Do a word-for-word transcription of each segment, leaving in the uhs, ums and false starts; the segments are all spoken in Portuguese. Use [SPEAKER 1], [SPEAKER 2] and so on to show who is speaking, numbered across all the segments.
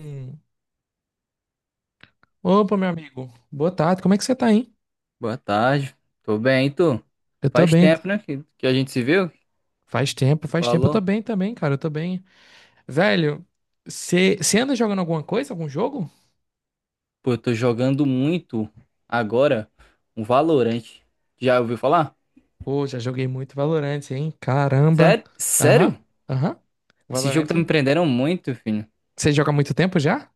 [SPEAKER 1] Hum. Opa, meu amigo. Boa tarde. Como é que você tá, hein?
[SPEAKER 2] Boa tarde. Tô bem, e tu?
[SPEAKER 1] Eu tô
[SPEAKER 2] Faz
[SPEAKER 1] bem.
[SPEAKER 2] tempo, né, que, que a gente se viu, que
[SPEAKER 1] Faz tempo,
[SPEAKER 2] tu
[SPEAKER 1] faz tempo. Eu tô
[SPEAKER 2] falou.
[SPEAKER 1] bem também, cara. Eu tô bem. Velho, você anda jogando alguma coisa? Algum jogo?
[SPEAKER 2] Pô, eu tô jogando muito agora um Valorant. Já ouviu falar?
[SPEAKER 1] Pô, já joguei muito Valorant, hein? Caramba.
[SPEAKER 2] Sério? Sério?
[SPEAKER 1] Aham, aham.
[SPEAKER 2] Esse jogo
[SPEAKER 1] Valorant.
[SPEAKER 2] tá me prendendo muito, filho.
[SPEAKER 1] Você joga há muito tempo já?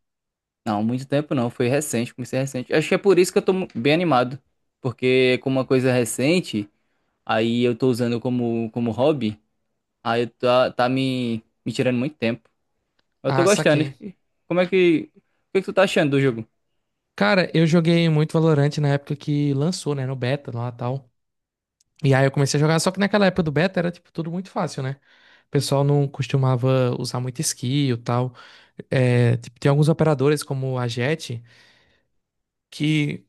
[SPEAKER 2] Não, muito tempo não, foi recente, comecei recente. Acho que é por isso que eu tô mu- bem animado, porque como uma coisa recente, aí eu tô usando como, como hobby, aí eu tá, tá me, me tirando muito tempo. Eu tô
[SPEAKER 1] Ah,
[SPEAKER 2] gostando.
[SPEAKER 1] saquei.
[SPEAKER 2] E como é que... O que é que tu tá achando do jogo?
[SPEAKER 1] Cara, eu joguei muito Valorant na época que lançou, né? No beta lá e tal. E aí eu comecei a jogar, só que naquela época do beta era, tipo, tudo muito fácil, né? O pessoal não costumava usar muito skill e tal. É, tipo, tem alguns operadores, como a Jet, que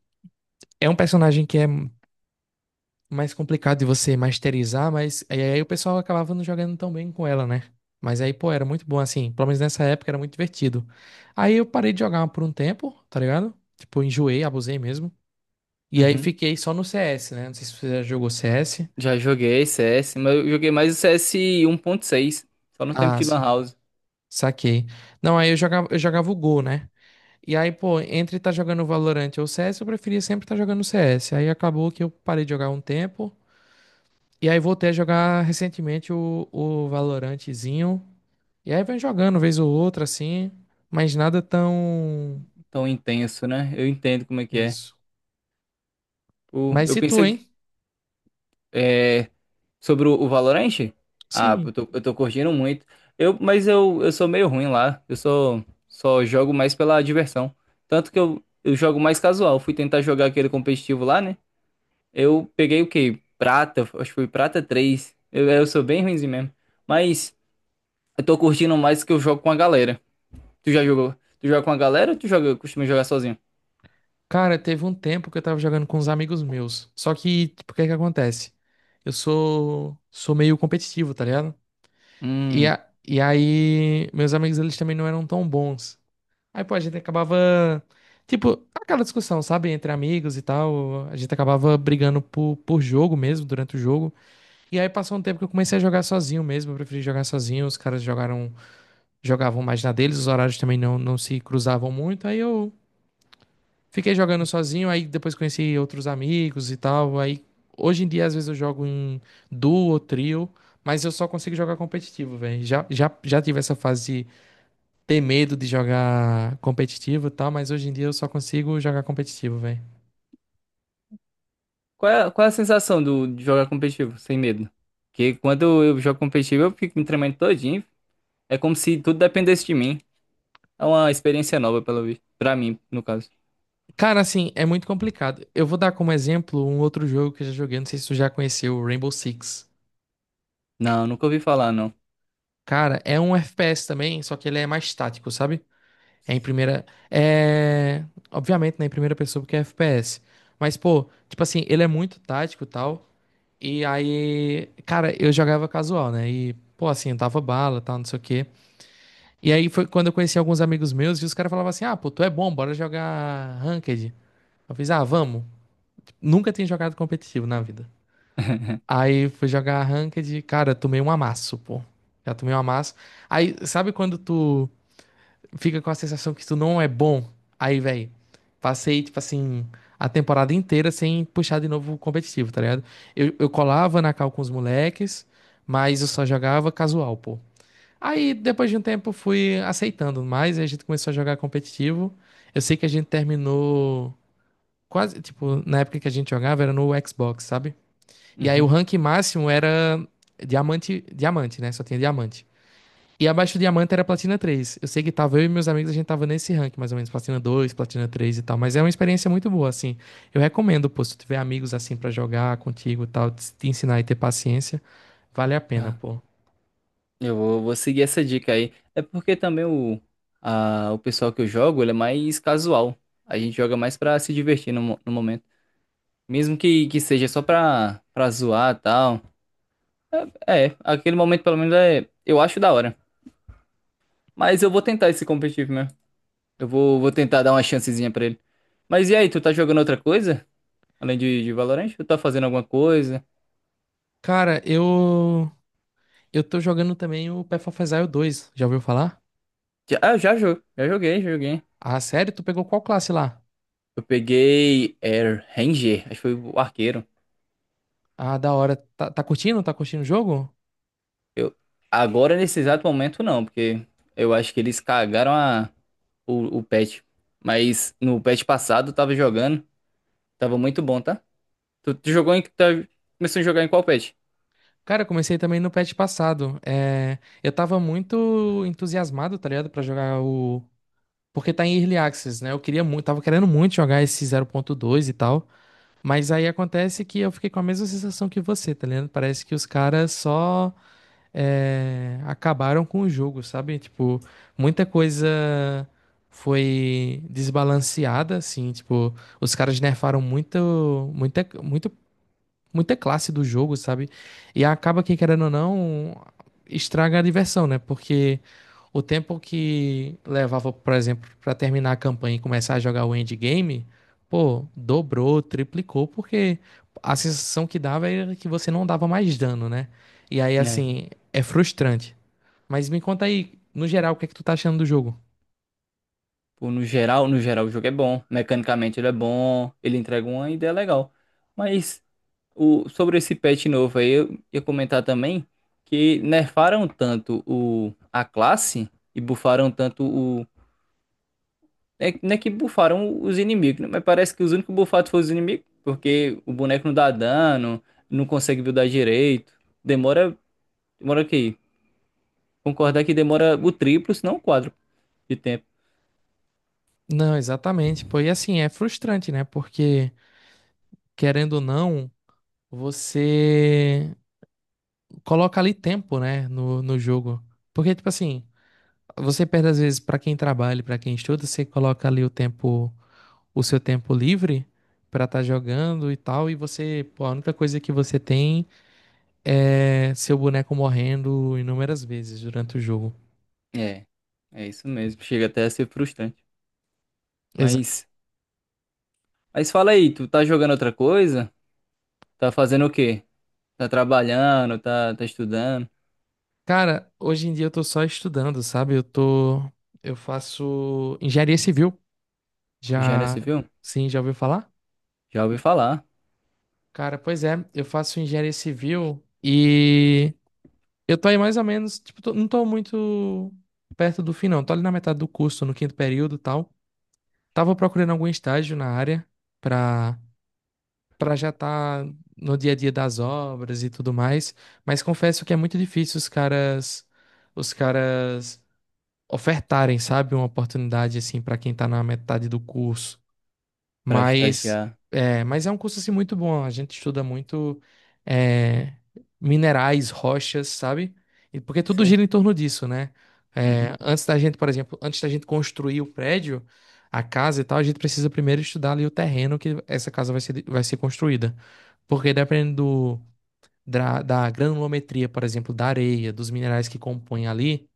[SPEAKER 1] é um personagem que é mais complicado de você masterizar, mas aí aí o pessoal acabava não jogando tão bem com ela, né? Mas aí, pô, era muito bom, assim. Pelo menos nessa época era muito divertido. Aí eu parei de jogar por um tempo, tá ligado? Tipo, eu enjoei, abusei mesmo. E aí
[SPEAKER 2] Uhum.
[SPEAKER 1] fiquei só no C S, né? Não sei se você já jogou C S.
[SPEAKER 2] Já joguei C S, mas eu joguei mais o C S um ponto seis, só no tempo
[SPEAKER 1] Ah,
[SPEAKER 2] de Lan
[SPEAKER 1] sa-
[SPEAKER 2] House.
[SPEAKER 1] saquei. Não, aí eu jogava, eu jogava o Go, né? E aí, pô, entre estar tá jogando Valorant ou C S, eu preferia sempre estar tá jogando C S. Aí acabou que eu parei de jogar um tempo. E aí voltei a jogar recentemente o, o Valorantezinho. E aí vem jogando vez ou outra, assim. Mas nada tão.
[SPEAKER 2] Tão intenso, né? Eu entendo como é que é.
[SPEAKER 1] Isso.
[SPEAKER 2] O,
[SPEAKER 1] Mas
[SPEAKER 2] eu
[SPEAKER 1] e tu,
[SPEAKER 2] pensei
[SPEAKER 1] hein?
[SPEAKER 2] que, é, sobre o, o Valorant. Ah,
[SPEAKER 1] Sim.
[SPEAKER 2] eu tô, eu tô curtindo muito. Eu, mas eu, eu sou meio ruim lá. Eu sou, só jogo mais pela diversão. Tanto que eu, eu jogo mais casual. Fui tentar jogar aquele competitivo lá, né? Eu peguei o quê? Prata, acho que foi Prata três. Eu, eu sou bem ruimzinho mesmo. Mas eu tô curtindo mais que eu jogo com a galera. Tu já jogou? Tu joga com a galera ou tu joga, costuma jogar sozinho?
[SPEAKER 1] Cara, teve um tempo que eu tava jogando com uns amigos meus. Só que, tipo, o que que acontece? Eu sou. Sou meio competitivo, tá ligado? E,
[SPEAKER 2] Hum.
[SPEAKER 1] a, e aí, meus amigos, eles também não eram tão bons. Aí, pô, a gente acabava. Tipo, aquela discussão, sabe? Entre amigos e tal. A gente acabava brigando por, por jogo mesmo, durante o jogo. E aí passou um tempo que eu comecei a jogar sozinho mesmo. Eu preferi jogar sozinho. Os caras jogaram, jogavam mais na deles. Os horários também não, não se cruzavam muito. Aí eu fiquei jogando sozinho. Aí depois conheci outros amigos e tal. Aí hoje em dia, às vezes, eu jogo em duo ou trio. Mas eu só consigo jogar competitivo, velho. Já, já, já tive essa fase ter medo de jogar competitivo e tal, mas hoje em dia eu só consigo jogar competitivo, velho.
[SPEAKER 2] Qual é, qual é a sensação do, de jogar competitivo, sem medo? Porque quando eu jogo competitivo, eu fico me tremendo todinho. É como se tudo dependesse de mim. É uma experiência nova, pelo visto. Pra mim, no caso.
[SPEAKER 1] Cara, assim, é muito complicado. Eu vou dar como exemplo um outro jogo que eu já joguei, não sei se tu já conheceu, o Rainbow Six.
[SPEAKER 2] Não, nunca ouvi falar, não.
[SPEAKER 1] Cara, é um F P S também, só que ele é mais tático, sabe? É em primeira. É. Obviamente, né? Em primeira pessoa, porque é F P S. Mas, pô, tipo assim, ele é muito tático e tal. E aí. Cara, eu jogava casual, né? E, pô, assim, eu dava bala e tal, não sei o quê. E aí foi quando eu conheci alguns amigos meus e os caras falavam assim: ah, pô, tu é bom, bora jogar Ranked. Eu fiz, ah, vamos. Nunca tinha jogado competitivo na vida. Aí fui jogar Ranked, cara, tomei um amasso, pô. Já tomei um amasso. Aí, sabe quando tu fica com a sensação que tu não é bom? Aí, velho, passei, tipo assim, a temporada inteira sem puxar de novo o competitivo, tá ligado? Eu, eu colava na cal com os moleques, mas eu só jogava casual, pô. Aí, depois de um tempo, fui aceitando mais e a gente começou a jogar competitivo. Eu sei que a gente terminou quase, tipo, na época que a gente jogava era no Xbox, sabe? E aí o
[SPEAKER 2] Uhum.
[SPEAKER 1] rank máximo era diamante, diamante, né? Só tinha diamante. E abaixo do diamante era platina três. Eu sei que tava eu e meus amigos, a gente tava nesse rank, mais ou menos, platina dois, platina três e tal. Mas é uma experiência muito boa, assim. Eu recomendo, pô, se tu tiver amigos assim pra jogar contigo e tal, te te ensinar e ter paciência, vale a pena,
[SPEAKER 2] Ah,
[SPEAKER 1] pô.
[SPEAKER 2] eu vou, vou seguir essa dica aí. É porque também o, a, o pessoal que eu jogo, ele é mais casual. A gente joga mais pra se divertir no, mo- no momento. Mesmo que, que seja só pra, pra zoar e tal. É, é, aquele momento pelo menos é, eu acho, da hora. Mas eu vou tentar esse competitivo mesmo. Eu vou, vou tentar dar uma chancezinha pra ele. Mas e aí, tu tá jogando outra coisa? Além de, de Valorant? Tu tá fazendo alguma coisa?
[SPEAKER 1] Cara, eu Eu tô jogando também o Path of Exile dois. Já ouviu falar?
[SPEAKER 2] Já, ah, já, jo- já joguei, já joguei.
[SPEAKER 1] Ah, sério? Tu pegou qual classe lá?
[SPEAKER 2] Eu peguei Air Ranger, acho que foi o arqueiro.
[SPEAKER 1] Ah, da hora. Tá, tá curtindo? Tá curtindo o jogo?
[SPEAKER 2] Eu, agora, nesse exato momento, não, porque eu acho que eles cagaram a, o, o patch. Mas no patch passado eu tava jogando, tava muito bom, tá? Tu, tu jogou em. Tá, começou a jogar em qual patch?
[SPEAKER 1] Cara, eu comecei também no patch passado. É, eu tava muito entusiasmado, tá ligado? Pra jogar o. Porque tá em Early Access, né? Eu queria muito, tava querendo muito jogar esse zero ponto dois e tal. Mas aí acontece que eu fiquei com a mesma sensação que você, tá ligado? Parece que os caras só é, acabaram com o jogo, sabe? Tipo, muita coisa foi desbalanceada, assim, tipo, os caras nerfaram muito, muita, muito muita classe do jogo, sabe? E acaba que, querendo ou não, estraga a diversão, né? Porque o tempo que levava, por exemplo, pra terminar a campanha e começar a jogar o endgame, pô, dobrou, triplicou, porque a sensação que dava era que você não dava mais dano, né? E aí, assim, é frustrante. Mas me conta aí, no geral, o que é que tu tá achando do jogo?
[SPEAKER 2] Pô, no geral, no geral, o jogo é bom. Mecanicamente ele é bom, ele entrega uma ideia legal. Mas o, sobre esse patch novo aí, eu ia comentar também que nerfaram tanto o, a classe e bufaram tanto o. É, não é que bufaram os inimigos, né? Mas parece que os únicos bufados foram os inimigos, porque o boneco não dá dano, não consegue buildar direito. Demora. Demora o quê? Concordar que demora o triplo, se não o quadro de tempo.
[SPEAKER 1] Não, exatamente. Pô, e assim, é frustrante, né? Porque, querendo ou não, você coloca ali tempo, né, no, no jogo. Porque, tipo assim, você perde às vezes pra quem trabalha, e pra quem estuda, você coloca ali o tempo, o seu tempo livre pra estar jogando e tal, e você, pô, a única coisa que você tem é seu boneco morrendo inúmeras vezes durante o jogo.
[SPEAKER 2] É, é isso mesmo. Chega até a ser frustrante.
[SPEAKER 1] Exato.
[SPEAKER 2] Mas. Mas fala aí, tu tá jogando outra coisa? Tá fazendo o quê? Tá trabalhando, tá, tá estudando?
[SPEAKER 1] Cara, hoje em dia eu tô só estudando, sabe? Eu tô, eu faço engenharia civil.
[SPEAKER 2] Engenharia
[SPEAKER 1] Já,
[SPEAKER 2] civil?
[SPEAKER 1] sim, já ouviu falar?
[SPEAKER 2] Já ouvi falar.
[SPEAKER 1] Cara, pois é, eu faço engenharia civil e Eu tô aí mais ou menos, tipo, tô- não tô muito perto do fim, não. Tô ali na metade do curso, no quinto período e tal. Tava procurando algum estágio na área pra, pra já estar no dia a dia das obras e tudo mais. Mas confesso que é muito difícil os caras, os caras ofertarem, sabe, uma oportunidade assim pra quem tá na metade do curso.
[SPEAKER 2] Pra
[SPEAKER 1] Mas
[SPEAKER 2] estagiar.
[SPEAKER 1] é, mas é um curso assim muito bom. A gente estuda muito é, minerais, rochas, sabe? E porque tudo
[SPEAKER 2] Sei.
[SPEAKER 1] gira em torno disso, né?
[SPEAKER 2] Uhum.
[SPEAKER 1] É, antes da gente, por exemplo, antes da gente construir o prédio, a casa e tal, a gente precisa primeiro estudar ali o terreno que essa casa vai ser, vai ser construída. Porque dependendo do- da, da granulometria, por exemplo, da areia, dos minerais que compõem ali,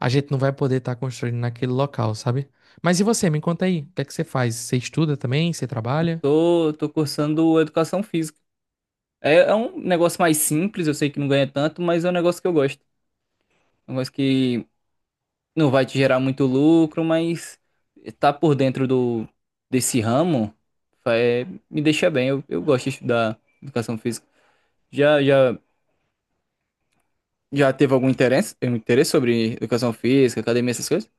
[SPEAKER 1] a gente não vai poder estar construindo naquele local, sabe? Mas e você? Me conta aí, o que é que você faz? Você estuda também? Você
[SPEAKER 2] Eu
[SPEAKER 1] trabalha?
[SPEAKER 2] tô, tô cursando educação física. É, é um negócio mais simples, eu sei que não ganha tanto, mas é um negócio que eu gosto. É um negócio que não vai te gerar muito lucro, mas tá por dentro do, desse ramo, é, me deixa bem. Eu, eu gosto de estudar educação física. Já, já Já teve algum interesse, um interesse sobre educação física, academia, essas coisas?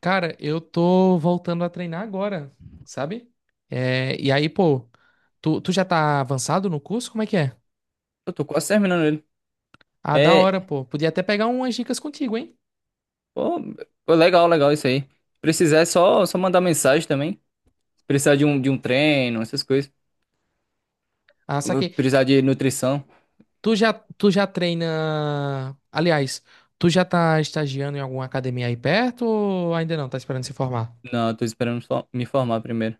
[SPEAKER 1] Cara, eu tô voltando a treinar agora, sabe? É, e aí, pô, tu, tu já tá avançado no curso? Como é que é?
[SPEAKER 2] Eu tô quase terminando ele.
[SPEAKER 1] Ah, da
[SPEAKER 2] É,
[SPEAKER 1] hora, pô. Podia até pegar umas dicas contigo, hein?
[SPEAKER 2] pô, pô, legal, legal isso aí. Se precisar, é só, só mandar mensagem também. Se precisar de um, de um treino, essas coisas.
[SPEAKER 1] Ah,
[SPEAKER 2] Se
[SPEAKER 1] saquei.
[SPEAKER 2] precisar de nutrição.
[SPEAKER 1] Tu já, tu já treina. Aliás, tu já tá estagiando em alguma academia aí perto ou ainda não? Tá esperando se formar?
[SPEAKER 2] Não, eu tô esperando só me formar primeiro.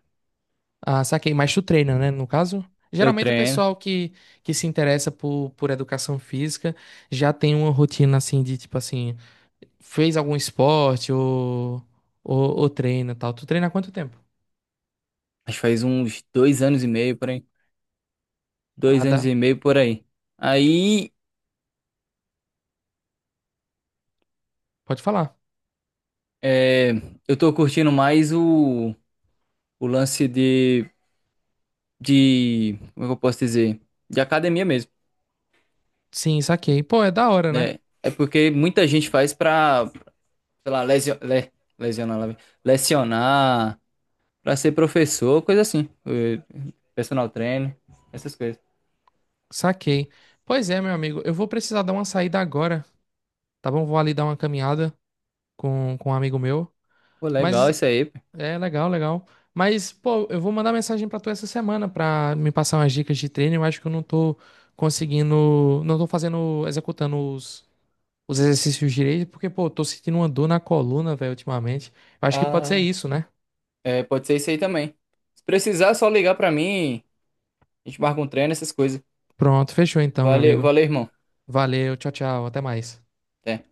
[SPEAKER 1] Ah, saquei. Mas tu treina, né? No caso?
[SPEAKER 2] Eu
[SPEAKER 1] Geralmente o
[SPEAKER 2] treino.
[SPEAKER 1] pessoal que, que se interessa por, por educação física já tem uma rotina assim de tipo assim, fez algum esporte ou, ou, ou treina e tal. Tu treina há quanto tempo?
[SPEAKER 2] Acho que faz uns dois anos e meio por aí.
[SPEAKER 1] Ah,
[SPEAKER 2] Dois anos e
[SPEAKER 1] dá.
[SPEAKER 2] meio por aí. Aí,
[SPEAKER 1] Pode falar.
[SPEAKER 2] é, eu tô curtindo mais o, o lance de, de. Como é que eu posso dizer? De academia mesmo.
[SPEAKER 1] Sim, saquei. Pô, é da hora, né?
[SPEAKER 2] Né? É porque muita gente faz pra, sei lá, lesio- le- lesionar, lá vem. Lecionar, pra ser professor, coisa assim. eh, Personal trainer, essas coisas.
[SPEAKER 1] Saquei. Pois é, meu amigo. Eu vou precisar dar uma saída agora, tá bom? Vou ali dar uma caminhada com, com um amigo meu.
[SPEAKER 2] Pô, legal
[SPEAKER 1] Mas
[SPEAKER 2] isso aí. Pô.
[SPEAKER 1] É, legal, legal. Mas, pô, eu vou mandar mensagem pra tu essa semana pra me passar umas dicas de treino. Eu acho que eu não tô conseguindo, não tô fazendo, executando os, os exercícios direito, porque, pô, eu tô sentindo uma dor na coluna, velho, ultimamente. Eu acho que pode ser
[SPEAKER 2] Ah,
[SPEAKER 1] isso, né?
[SPEAKER 2] é, pode ser isso aí também. Se precisar, é só ligar pra mim, a gente marca um treino, essas coisas.
[SPEAKER 1] Pronto, fechou então, meu
[SPEAKER 2] Valeu,
[SPEAKER 1] amigo.
[SPEAKER 2] valeu, irmão.
[SPEAKER 1] Valeu, tchau, tchau, até mais.
[SPEAKER 2] Até.